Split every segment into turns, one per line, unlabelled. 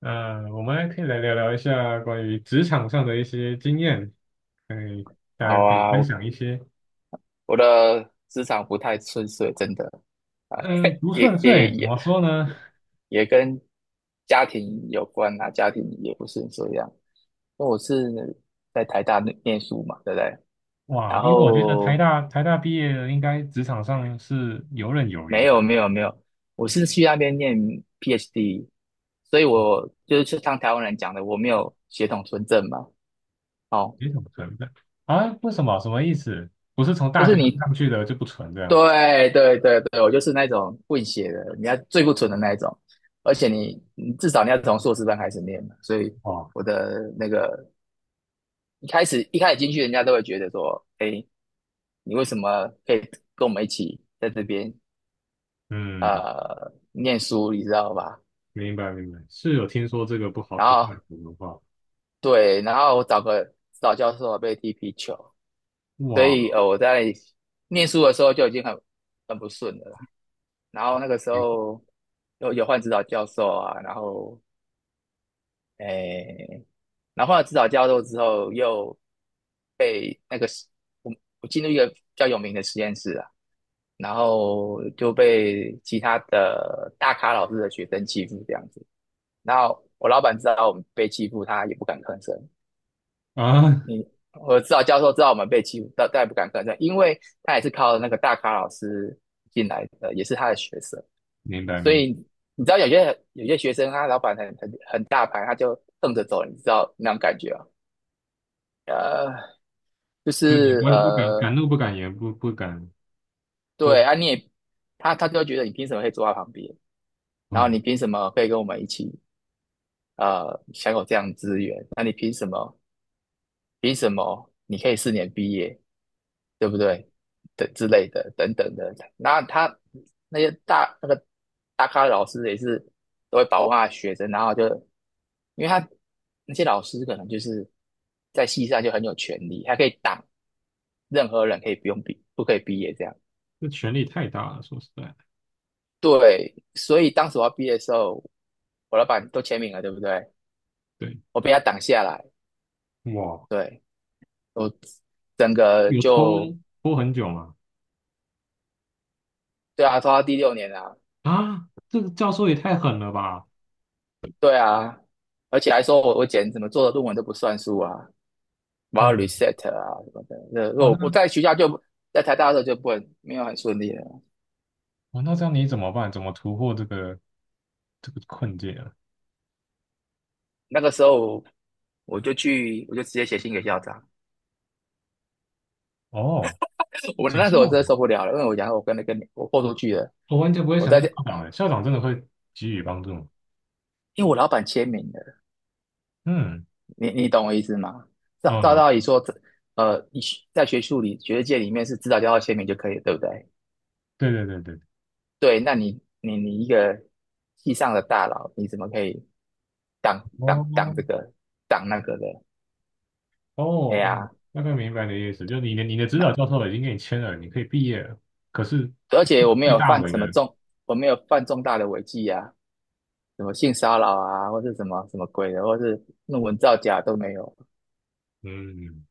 我们还可以来聊聊一下关于职场上的一些经验，可以，大家
好
可以
啊，
分
我
享一些。
我的职场不太顺遂，真的，哎，
嗯，不
也
顺
也
遂怎
也
么说呢？
也跟家庭有关啊，家庭也不是这样。因为我是在台大念书嘛，对不对？
哇，
然
因为我觉得台
后
大台大毕业的应该职场上是游刃有余
没
的，
有没有没有，我是去那边念 PhD,所以我就是像台湾人讲的，我没有血统纯正嘛。哦，
没什么存在啊？为什么？什么意思？不是从
就
大学
是你
上去的就不纯这样？
对对对对，我就是那种混血的，你要最不纯的那一种，而且你至少你要从硕士班开始念嘛，所以
哇，
我的那个一开始进去，人家都会觉得说，哎，你为什么可以跟我们一起在这边
嗯，
念书，你知道吧？
明白明白，是有听说这个不好
然
不太好
后
的话，
对，然后我找个指导教授被踢皮球，所
哇，
以我在念书的时候就已经很不顺了啦，然后那个时
明
候有换指导教授啊，然后。诶，然后后来指导教授之后，又被那个实我我进入一个比较有名的实验室啊，然后就被其他的大咖老师的学生欺负这样子。然后我老板知道我们被欺负，他也不敢吭声。
啊，
你我指导教授知道我们被欺负，但也不敢吭声，因为他也是靠那个大咖老师进来的，也是他的学生，
明白
所
明白，
以你知道有些学生他老板很大牌，他就瞪着走，你知道那种感觉啊？呃，就
就你
是
不敢
呃，
敢怒不敢言，不敢
对
多。
啊，他就会觉得你凭什么可以坐在旁边，然后你凭什么可以跟我们一起享有这样的资源？那你凭什么？凭什么你可以4年毕业，对不对？等之类的等等的，那他那些大那个大咖的老师也是都会保护他的学生，然后就因为他那些老师可能就是在系上就很有权利，他可以挡任何人可以不可以毕业这样。
这权力太大了，说实在的，
对，所以当时我要毕业的时候，我老板都签名了，对不对？
对，
我被他挡下来，
哇，
对，我整个
有拖
就，
拖很久吗？
对啊，拖到第6年啊，
啊，这个教授也太狠了吧！
对啊，而且还说我简直怎么做的论文都不算数啊，我要
哦，
reset 啊什么的。那
哇，
我
那
在学校就在台大的时候就不很没有很顺利了，
哇，那这样你怎么办？怎么突破这个困境啊？
那个时候我就直接写信给校长，
哦，
我
想
那
象，
时候我真的受不了了，因为我讲我跟那个我豁出去了，
我完全不会
我
想到
在这，
校长诶，校长真的会给予帮助吗？
因为我老板签名了，
嗯
你懂我意思吗？照
嗯，
道理说，这在学术里、学术界里面是指导教授签名就可以了，对不对？
对对对对，
对，那你你一个系上的大佬，你怎么可以挡
哦
这个挡那个的？
哦，
哎
哦，
呀，
大概明白你的意思，就是你的指
那
导教授已经给你签了，你可以毕业了，可是
而且我没
最
有
大
犯
伟
什么
的，
重，我没有犯重大的违纪啊，什么性骚扰啊，或是什么什么鬼的，或是论文造假都没有。
嗯，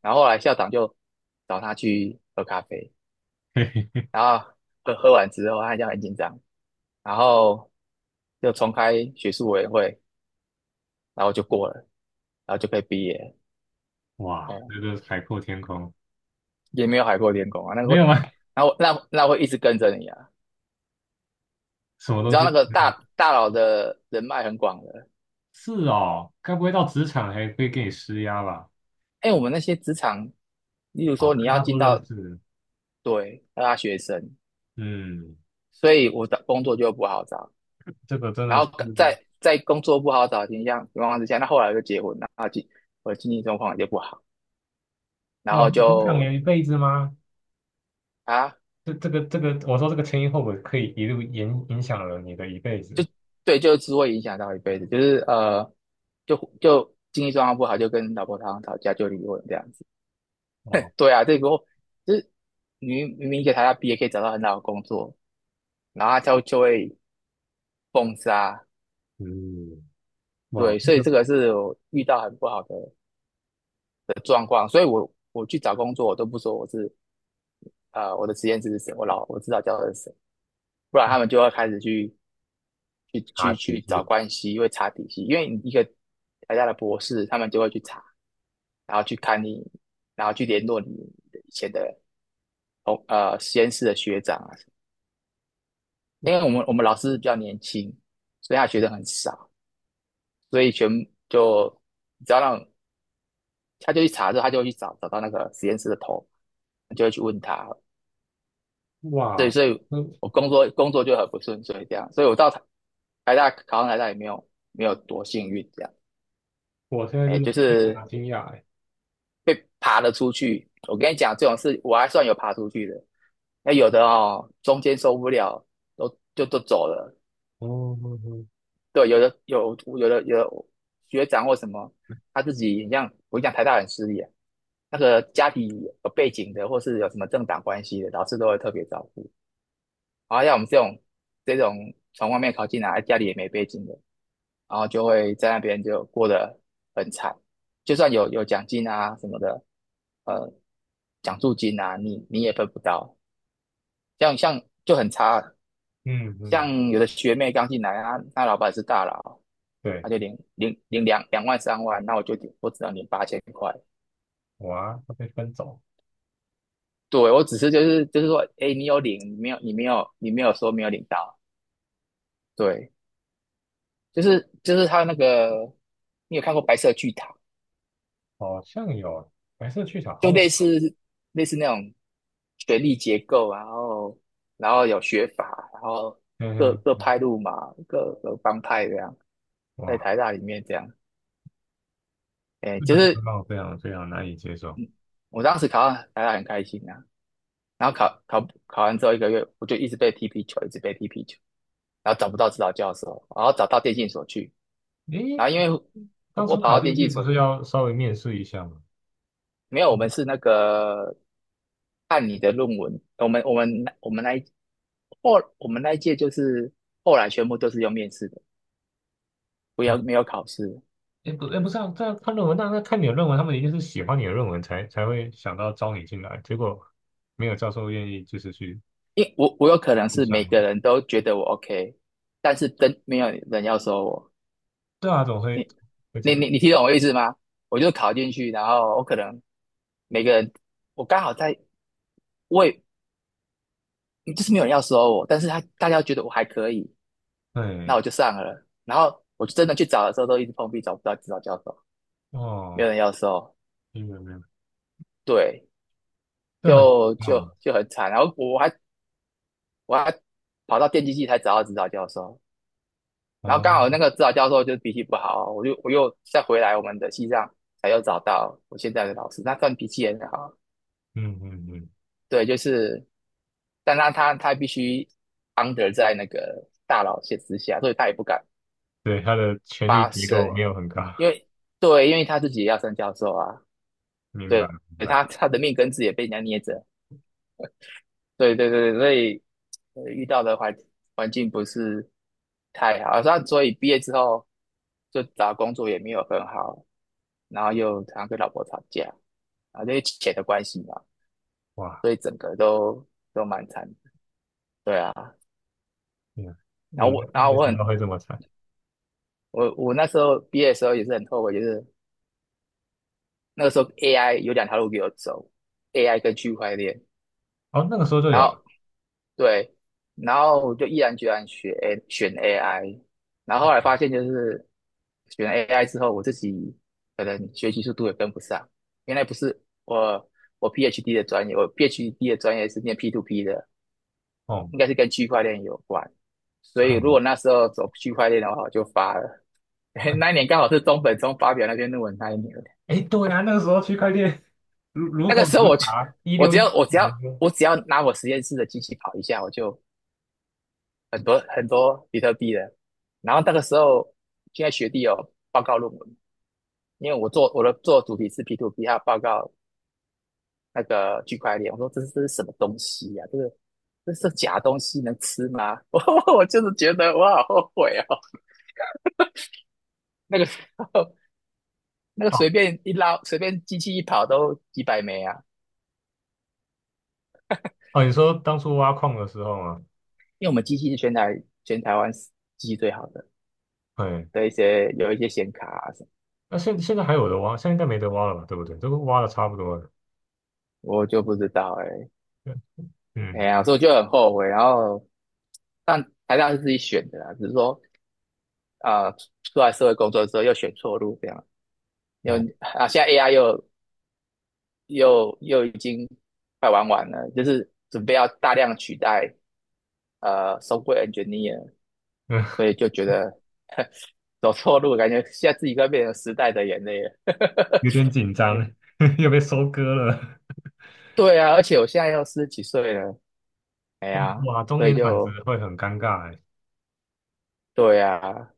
然后后来校长就找他去喝咖啡，
嘿嘿，
然后喝完之后，他就很紧张，然后就重开学术委员会，然后就过了，然后就可以毕业了。
哇，
嗯，
这个海阔天空。
也没有海阔天空啊，那个
没
会，
有吗？
然后那会一直跟着你啊。
什么
你
东
知道
西？
那个
嗯，
大佬的人脉很广的，
是哦，该不会到职场还会给你施压吧？
哎，我们那些职场，例如
啊，
说你
跟
要
他
进
都认
到
识，
对大学生，
嗯，
所以我的工作就不好找，
这个真的
然
是
后在在工作不好找的情况之下，那后来就结婚了，然后我的经济状况也就不好，然
哇，
后
影响
就
人一辈子吗？
啊
这个，我说这个前因后果可以一路影响了你的一辈
就
子。
对，就是会影响到一辈子，就是就就经济状况不好，就跟老婆常常吵架，就离婚这样子。
哦，
对啊，这个就是明明明给她要毕业可以找到很好的工作，然后他就会封杀，
嗯，哇，
对，所以
这个
这个是我遇到很不好的的状况，所以我去找工作，我都不说我是我的实验室是谁，我知道教授是谁，不然他们就会开始
茶体
去找
系，
关系，会查底细，因为你一个台大的博士，他们就会去查，然后去看你，然后去联络你的以前的实验室的学长啊什么因为我们老师比较年轻，所以他学生很少，所以全就只要让他就去查之后，他就会去找到那个实验室的头，就会去问他，对，
哇，
所以
那
我工作就很不顺遂这样，所以我到台大考上台大也没有多幸运这样，
我现在
哎，
真的
就
非常
是。
的惊讶哎。
爬了出去。我跟你讲，这种事我还算有爬出去的。那有的哦，中间受不了，都就都走了。
哦，嗯
对，有的学长或什么，他自己很像我跟你讲台大很势利啊那个家庭有背景的，或是有什么政党关系的，老师都会特别照顾。然后像我们这种从外面考进来，家里也没背景的，然后就会在那边就过得很惨。就算有奖金啊什么的，呃，奖助金啊，你也分不到，像就很差，
嗯，嗯，
像有的学妹刚进来啊，那老板是大佬，
对，
他就领2万3万，那我只能领8千块。
哇，他被分走，
对，我只是就是说，哎，你有领，你没有，你没有，你没有说没有领到。对，就是他那个，你有看过《白色巨塔》
好像有白色去小好
就
耳
类
熟。
似类似那种学历结构啊然后然后有学法，然后
嗯
各
哼。
派路嘛，各帮派这样，在
哇，
台大里面这样，哎，
这
就
个
是
让我非常非常难以接受。
我当时考上台大很开心啊，然后考完之后1个月，我就一直被踢皮球，一直被踢皮球，然后找不到指导教授，然后找到电信所去，
诶，
然后因为
当
我
初
跑
考
到电
进去
信
不
所。
是要稍微面试一下吗？
没有，我们是那个按你的论文，我们那后我们那一届就是后来全部都是用面试的，不
哦，
要没有考试，
诶不是啊，这样看论文，那看你的论文，他们一定是喜欢你的论文才会想到招你进来，结果没有教授愿意就是去
因为我有可能
去
是每个
上，
人都觉得我 OK,但是真没有人要收我，
对啊，总会
你
会这
你
样，
你你听懂我意思吗？我就考进去，然后我可能每个人我刚好在我也就是没有人要收我，但是他大家觉得我还可以，那
对，
我就上了，然后我真的去找的时候都一直碰壁，找不到指导教授，没
哦，
有人要收。
明白明白，
对，
这很好，
就很惨。然后我还跑到电机系才找到指导教授，然后
哦，
刚好那个指导教授就是脾气不好，我又再回来我们的西藏才又找到我现在的老师，他算脾气很好。
嗯嗯嗯，
对，就是，但他他必须 under 在那个大佬线之下，所以他也不敢
对，他的权力
发
结构
声，
没有很高，
因为对，因为他自己也要升教授啊，
明白
对，
明白，
他他的命根子也被人家捏着。对对对，所以遇到的环境不是太好，那所以毕业之后就找工作也没有很好，然后又常常跟老婆吵架，然后因为钱的关系嘛，
哇，
所以整个都蛮惨的。对啊，
天啊，我
然后
们没
我
想到
很
会这么惨，
我那时候毕业的时候也是很后悔，就是那个时候 AI 有两条路给我走，AI 跟区块链，
哦，那个时候就有
然后
了。
对，然后我就毅然决然选 AI,然后后来发现就是选 AI 之后，我自己可能学习速度也跟不上。原来不是我我 PhD 的专业，我 PhD 的专业是念 p to p 的，
哦，
应该是跟区块链有关。所以如
嗯，
果那时候走区块链的话，我就发了。
嗯，
那一年刚好是中本聪发表那篇论文那一年，
哎，对啊，那个时候区块链如如
那
火
个时候
如荼啊，一
我
六
只
一
要
七
我只
年
要
的时候，
我只要拿我实验室的机器跑一下，我就很多比特币的。然后那个时候，现在学弟有报告论文，因为我的做的主题是 P to P,他报告那个区块链，我说这是什么东西呀、这是假东西能吃吗？我就是觉得我好后悔哦，那个时候那个
哦
随便一捞，随便机器一跑都几百枚啊，
哦，你说当初挖矿的时候吗？
因为我们机器是全台湾机器最好的
对，
的一些有一些显卡啊什么，
那现在还有的挖，现在应该没得挖了吧？对不对？都挖的差不多了。
我就不知道
对，
哎、哎
嗯，
呀，所以我就很后悔，然后但台大是自己选的啦，只是说啊、出来社会工作之后又选错路这样。又
哦，
啊，现在 AI 又已经快玩完了，就是准备要大量取代software engineer,
嗯，
所以 就觉得呵走错路，感觉现在自己快变成时代的眼泪了。
有点紧张，又被收割了。
对啊，而且我现在要40几岁了，哎呀，
哇，中
所以
年转职
就
会很尴尬哎。
对啊，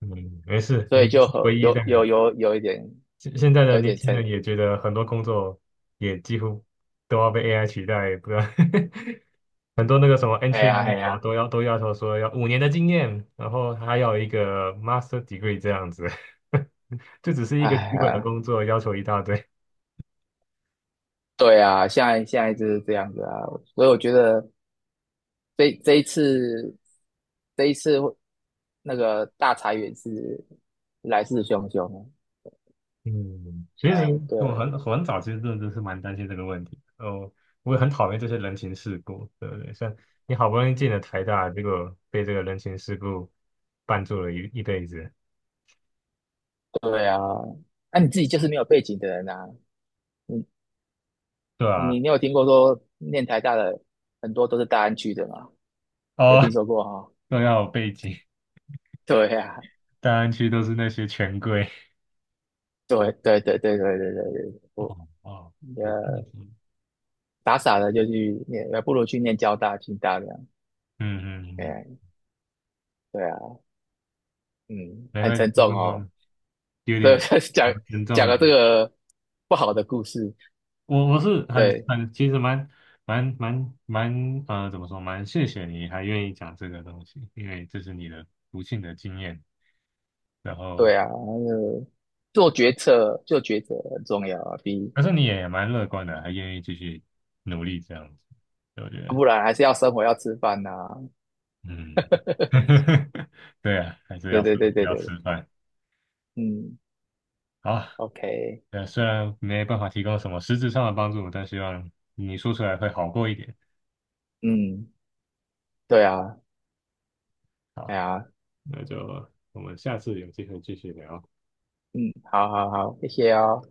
嗯，没事，
所
你
以
不
就
是
很
唯一那个。
有一点
现在的
有一
年
点
轻
成，
人也觉得很多工作也几乎都要被 AI 取代，不知道 很多那个什么
哎
entry
呀哎
level
呀，
都要求说要5年的经验，然后还要一个 master degree 这样子，这只是一个
哎
基本的
呀，
工作，要求一大堆。
对啊，现在现在就是这样子啊，所以我觉得这一次这一次会那个大裁员是来势汹汹啊。
嗯，其实
哎，
我
对
很早其实真的是蛮担心这个问题的哦，我也很讨厌这些人情世故，对不对？像你好不容易进了台大，结果被这个人情世故绊住了一辈子，
对啊，那、你自己就是没有背景的人啊，你
对啊，
你你有听过说念台大的很多都是大安区的吗？有
哦，
听说过哈、
都要有背景，
对啊，
大安区都是那些权贵，
对，
哦哦，有背
呃
景，
傻傻的就去念，呃不如去念交大、清大这样。
嗯嗯嗯。
哎，对啊，嗯，
才
很
会
沉
这个
重哦。
有
对，
点
讲
蛮严重
讲
的。
了这个不好的故事，
我是很
对
很其实蛮怎么说，蛮谢谢你还愿意讲这个东西，因为这是你的不幸的经验。然后，
对啊，那个做决策做抉策很重要啊，比
但是你也蛮乐观的，还愿意继续努力这样子，对我觉得，
不然还是要生活要吃饭呐、
嗯，对啊，还是要生活要
对，
吃饭。
嗯
好，
，OK,
虽然没办法提供什么实质上的帮助，但希望你说出来会好过一点。
嗯，对啊，哎
好。
呀，
那就我们下次有机会继续聊。
嗯，好，谢谢哦。